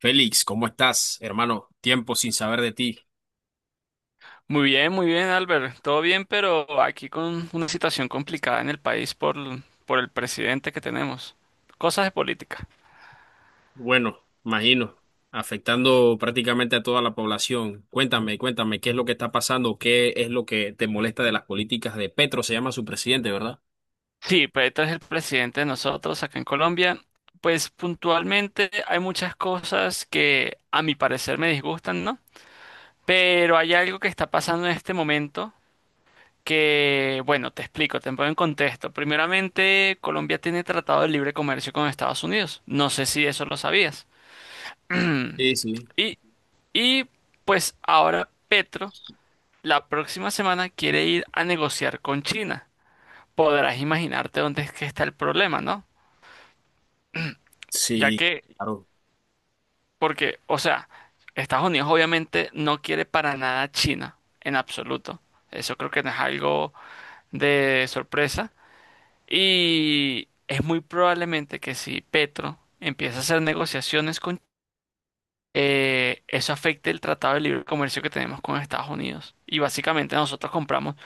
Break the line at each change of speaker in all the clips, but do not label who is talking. Félix, ¿cómo estás, hermano? Tiempo sin saber de ti.
Muy bien, Albert. Todo bien, pero aquí con una situación complicada en el país por el presidente que tenemos. Cosas de política.
Bueno, imagino, afectando prácticamente a toda la población. Cuéntame, ¿qué es lo que está pasando? ¿Qué es lo que te molesta de las políticas de Petro? Se llama su presidente, ¿verdad?
Sí, Petro es el presidente de nosotros acá en Colombia. Pues puntualmente hay muchas cosas que a mi parecer me disgustan, ¿no? Pero hay algo que está pasando en este momento que, bueno, te explico, te pongo en contexto. Primeramente, Colombia tiene tratado de libre comercio con Estados Unidos. No sé si eso lo sabías.
Sí, sí.
Y Y pues ahora Petro la próxima semana quiere ir a negociar con China. Podrás imaginarte dónde es que está el problema, ¿no? Ya
Sí,
que,
claro,
porque, o sea, Estados Unidos obviamente no quiere para nada a China, en absoluto. Eso creo que no es algo de sorpresa. Y es muy probablemente que si Petro empieza a hacer negociaciones con eso afecta el Tratado de Libre Comercio que tenemos con Estados Unidos. Y básicamente nosotros compramos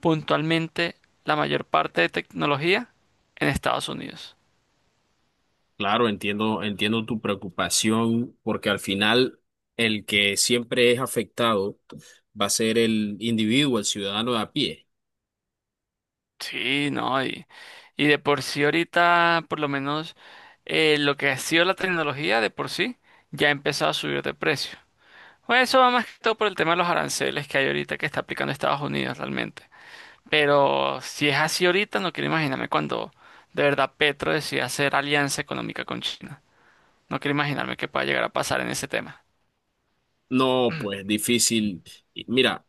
puntualmente la mayor parte de tecnología en Estados Unidos.
claro, entiendo tu preocupación, porque al final el que siempre es afectado va a ser el individuo, el ciudadano de a pie.
Sí, no, y de por sí ahorita, por lo menos lo que ha sido la tecnología de por sí, ya ha empezado a subir de precio. Pues eso va más que todo por el tema de los aranceles que hay ahorita que está aplicando Estados Unidos realmente. Pero si es así ahorita, no quiero imaginarme cuando de verdad Petro decida hacer alianza económica con China. No quiero imaginarme qué pueda llegar a pasar en ese tema.
No, pues difícil. Y mira.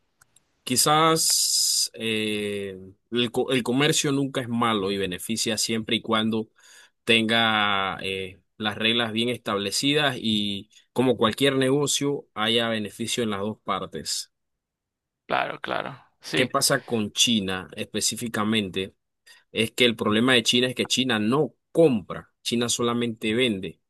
Quizás el comercio nunca es malo y beneficia siempre y cuando tenga las reglas bien establecidas y como cualquier negocio haya beneficio en las dos partes.
Claro, claro.
¿Qué
Sí,
pasa con China específicamente? Es que el problema de China es que China no compra, China solamente vende.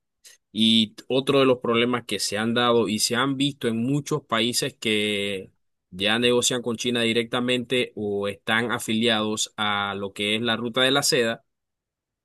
Y otro de los problemas que se han dado y se han visto en muchos países que ya negocian con China directamente o están afiliados a lo que es la ruta de la seda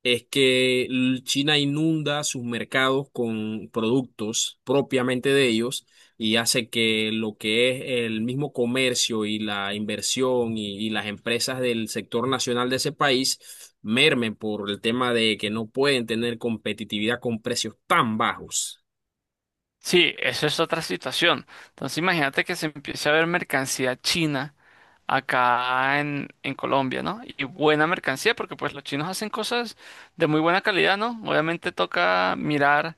es que China inunda sus mercados con productos propiamente de ellos y hace que lo que es el mismo comercio y la inversión y las empresas del sector nacional de ese país mermen por el tema de que no pueden tener competitividad con precios tan bajos.
sí, eso es otra situación. Entonces imagínate que se empiece a ver mercancía china acá en Colombia, ¿no? Y buena mercancía, porque pues los chinos hacen cosas de muy buena calidad, ¿no? Obviamente toca mirar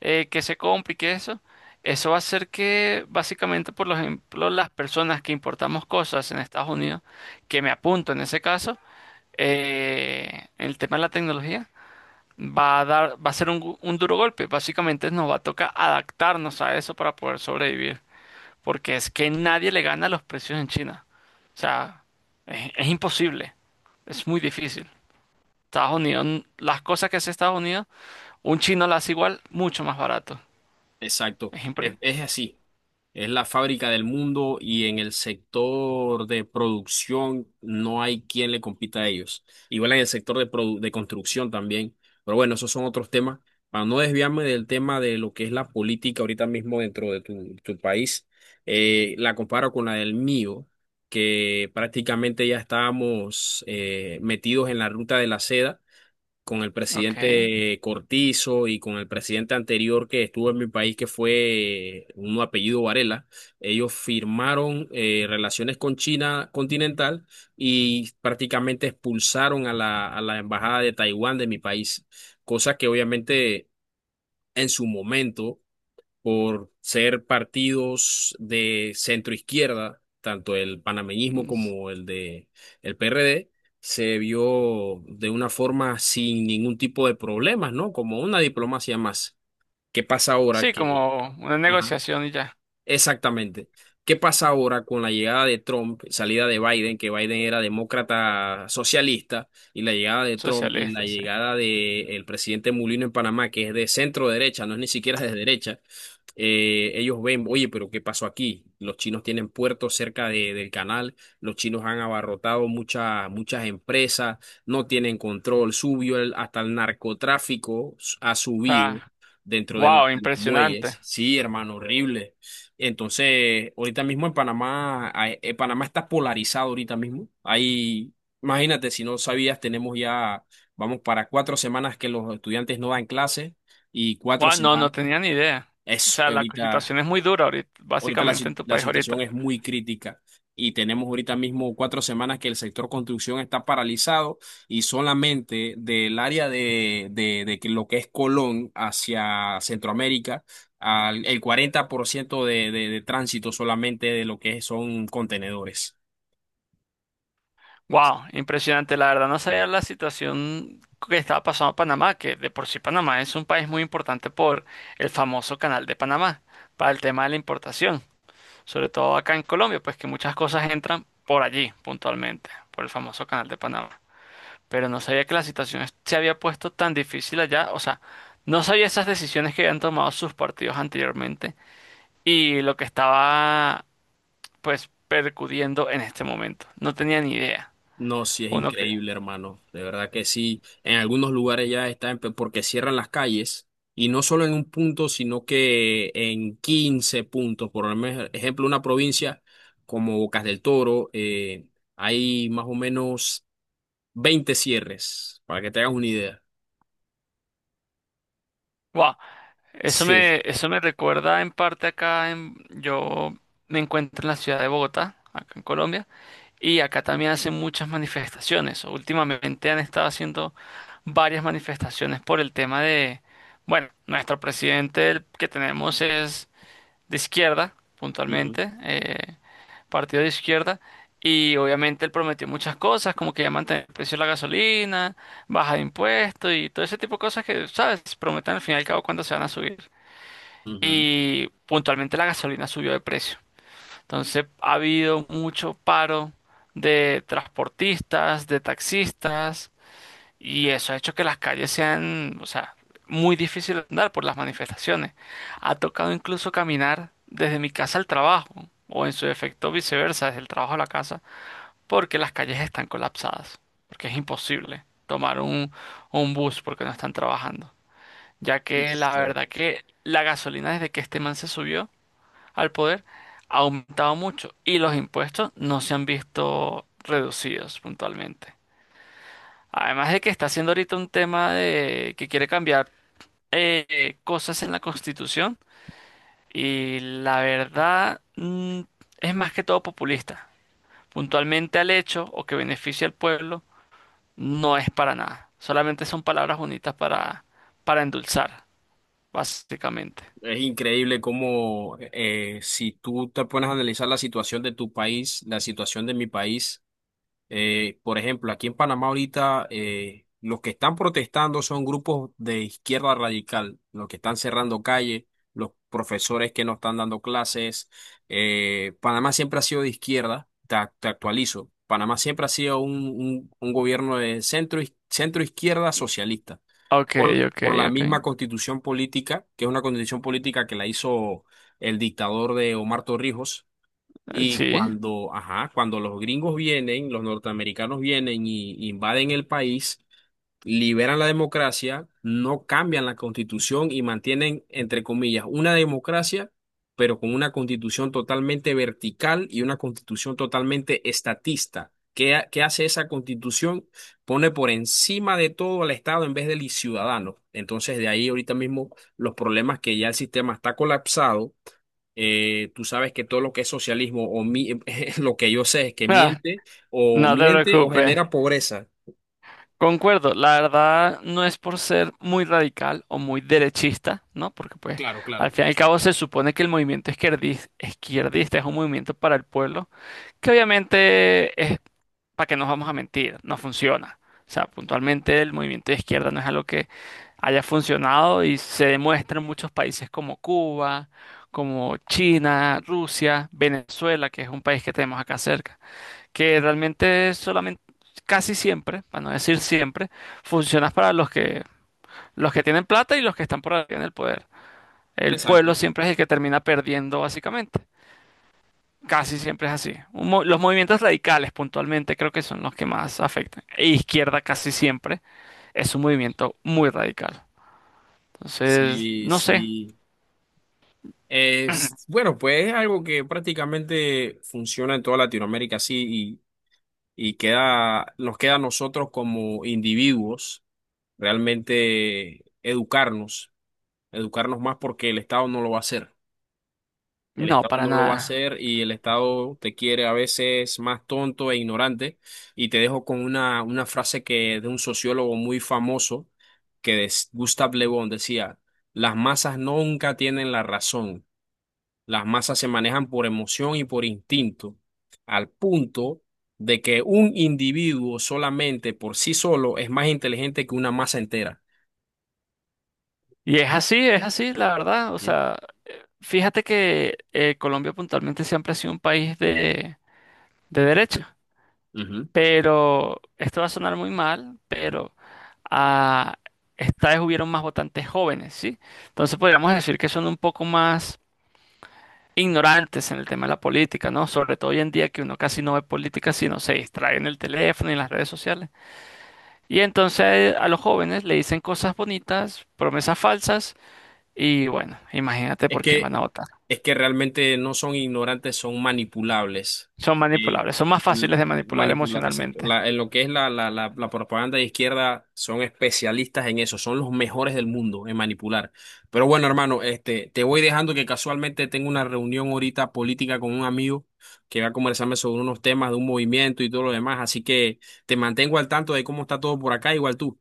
qué se compra y qué eso. Eso va a hacer que básicamente, por ejemplo, las personas que importamos cosas en Estados Unidos, que me apunto en ese caso, el tema de la tecnología. Va a dar, va a ser un duro golpe. Básicamente nos va a tocar adaptarnos a eso para poder sobrevivir, porque es que nadie le gana los precios en China. O sea, es imposible, es muy difícil. Estados Unidos, n- las cosas que hace Estados Unidos, un chino las hace igual, mucho más barato.
Exacto,
Es impre-
es así. Es la fábrica del mundo y en el sector de producción no hay quien le compita a ellos. Igual en el sector de construcción también. Pero bueno, esos son otros temas. Para no desviarme del tema de lo que es la política ahorita mismo dentro de tu país, la comparo con la del mío, que prácticamente ya estábamos metidos en la ruta de la seda con el
Ok.
presidente Cortizo y con el presidente anterior que estuvo en mi país, que fue un apellido Varela. Ellos firmaron relaciones con China continental y prácticamente expulsaron a a la embajada de Taiwán de mi país, cosa que obviamente en su momento por ser partidos de centro izquierda, tanto el panameñismo
Mm, s-
como el PRD, se vio de una forma sin ningún tipo de problemas, ¿no? Como una diplomacia más. ¿Qué pasa ahora
Sí,
que,
como una
ajá,
negociación y ya,
exactamente? ¿Qué pasa ahora con la llegada de Trump, salida de Biden, que Biden era demócrata socialista, y la llegada de Trump y la
socialista, sí.
llegada del presidente Mulino en Panamá, que es de centro derecha, no es ni siquiera de derecha? Ellos ven, oye, pero ¿qué pasó aquí? Los chinos tienen puertos cerca del canal, los chinos han abarrotado muchas empresas, no tienen control, subió hasta el narcotráfico, ha subido
Ah,
dentro
wow,
de los
impresionante.
muelles. Sí, hermano, horrible. Entonces, ahorita mismo en Panamá, Panamá está polarizado ahorita mismo. Ahí, imagínate, si no sabías, tenemos ya, vamos para cuatro semanas que los estudiantes no dan clase y cuatro
Wow, no, no
semanas.
tenía ni idea. O
Es
sea, la
ahorita.
situación es muy dura ahorita,
Ahorita la,
básicamente en
si-
tu
la
país
situación
ahorita.
es muy crítica y tenemos ahorita mismo cuatro semanas que el sector construcción está paralizado y solamente del área de que lo que es Colón hacia Centroamérica, el 40% de tránsito solamente de lo que son contenedores.
Wow, impresionante. La verdad no sabía la situación que estaba pasando a Panamá, que de por sí Panamá es un país muy importante por el famoso Canal de Panamá, para el tema de la importación, sobre todo acá en Colombia, pues que muchas cosas entran por allí puntualmente, por el famoso Canal de Panamá. Pero no sabía que la situación es- se había puesto tan difícil allá, o sea, no sabía esas decisiones que habían tomado sus partidos anteriormente y lo que estaba pues percudiendo en este momento. No tenía ni idea.
No, sí es
Uno que...
increíble, hermano. De verdad que sí. En algunos lugares ya está en porque cierran las calles y no solo en un punto, sino que en 15 puntos. Por ejemplo, una provincia como Bocas del Toro, hay más o menos 20 cierres, para que te hagas una idea.
¡Wow!
Sí.
Eso me recuerda en parte acá en, yo me encuentro en la ciudad de Bogotá, acá en Colombia, y acá también hacen muchas manifestaciones. Últimamente han estado haciendo varias manifestaciones por el tema de, bueno, nuestro presidente el que tenemos es de izquierda,
Ujú,
puntualmente, partido de izquierda, y obviamente él prometió muchas cosas, como que ya mantener el precio de la gasolina, baja de impuestos y todo ese tipo de cosas que, ¿sabes? Prometen al fin y al cabo cuando se van a subir y puntualmente la gasolina subió de precio. Entonces ha habido mucho paro de transportistas, de taxistas, y eso ha hecho que las calles sean, o sea, muy difícil de andar por las manifestaciones. Ha tocado incluso caminar desde mi casa al trabajo, o en su defecto viceversa, desde el trabajo a la casa, porque las calles están colapsadas, porque es imposible tomar un bus porque no están trabajando. Ya
ujú.
que la
Sí.
verdad que la gasolina desde que este man se subió, al poder ha aumentado mucho y los impuestos no se han visto reducidos puntualmente. Además de que está haciendo ahorita un tema de que quiere cambiar cosas en la Constitución y la verdad es más que todo populista. Puntualmente al hecho o que beneficie al pueblo no es para nada. Solamente son palabras bonitas para endulzar, básicamente.
Es increíble cómo si tú te pones a analizar la situación de tu país, la situación de mi país. Por ejemplo, aquí en Panamá ahorita los que están protestando son grupos de izquierda radical, los que están cerrando calles, los profesores que no están dando clases. Panamá siempre ha sido de izquierda, te actualizo. Panamá siempre ha sido un gobierno de centro, centro izquierda socialista,
Ok, ok,
por la
ok.
misma constitución política, que es una constitución política que la hizo el dictador de Omar Torrijos y
Sí.
cuando, ajá, cuando los gringos vienen, los norteamericanos vienen y invaden el país, liberan la democracia, no cambian la constitución y mantienen, entre comillas, una democracia, pero con una constitución totalmente vertical y una constitución totalmente estatista. ¿Qué, qué hace esa constitución? Pone por encima de todo al Estado en vez del ciudadano. Entonces, de ahí ahorita mismo los problemas que ya el sistema está colapsado. Tú sabes que todo lo que es socialismo o lo que yo sé es que
Ah,
miente o
no te
miente o
preocupes.
genera pobreza.
Concuerdo, la verdad no es por ser muy radical o muy derechista, ¿no? Porque pues
Claro,
al
claro.
fin y al cabo se supone que el movimiento izquierdista es un movimiento para el pueblo, que obviamente es, para que no nos vamos a mentir, no funciona. O sea, puntualmente el movimiento de izquierda no es algo que haya funcionado y se demuestra en muchos países como Cuba, como China, Rusia, Venezuela, que es un país que tenemos acá cerca que realmente solamente, casi siempre, para no decir siempre, funciona para los que tienen plata y los que están por arriba en el poder. El pueblo
Exacto.
siempre es el que termina perdiendo, básicamente. Casi siempre es así. Un mo- los movimientos radicales, puntualmente, creo que son los que más afectan. E izquierda casi siempre es un movimiento muy radical. Entonces,
Sí,
no sé,
sí. Es, bueno, pues es algo que prácticamente funciona en toda Latinoamérica, sí, y queda, nos queda a nosotros como individuos realmente educarnos más porque el Estado no lo va a hacer. El
no,
Estado
para
no lo va a
nada.
hacer y el Estado te quiere a veces más tonto e ignorante. Y te dejo con una frase que de un sociólogo muy famoso, que es Gustave Le Bon, decía, las masas nunca tienen la razón. Las masas se manejan por emoción y por instinto, al punto de que un individuo solamente por sí solo es más inteligente que una masa entera.
Y es así, la verdad. O
Sí.
sea, fíjate que Colombia puntualmente siempre ha sido un país de derecha.
Ujú.
Pero esto va a sonar muy mal, pero ah, esta vez hubieron más votantes jóvenes, ¿sí? Entonces podríamos decir que son un poco más ignorantes en el tema de la política, ¿no? Sobre todo hoy en día que uno casi no ve política, sino se distrae en el teléfono y en las redes sociales. Y entonces a los jóvenes le dicen cosas bonitas, promesas falsas, y bueno, imagínate
Es
por quién
que,
van a votar.
es que realmente no son ignorantes, son manipulables.
Son
Eh,
manipulables, son más
l-
fáciles de manipular
manipular, exacto.
emocionalmente.
En lo que es la propaganda de izquierda, son especialistas en eso, son los mejores del mundo en manipular. Pero bueno, hermano, este, te voy dejando que casualmente tengo una reunión ahorita política con un amigo que va a conversarme sobre unos temas de un movimiento y todo lo demás. Así que te mantengo al tanto de cómo está todo por acá, igual tú.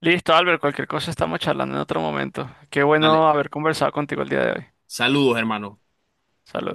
Listo, Albert, cualquier cosa estamos charlando en otro momento. Qué bueno
Dale,
haber conversado contigo el día de hoy.
saludos, hermano.
Saludos.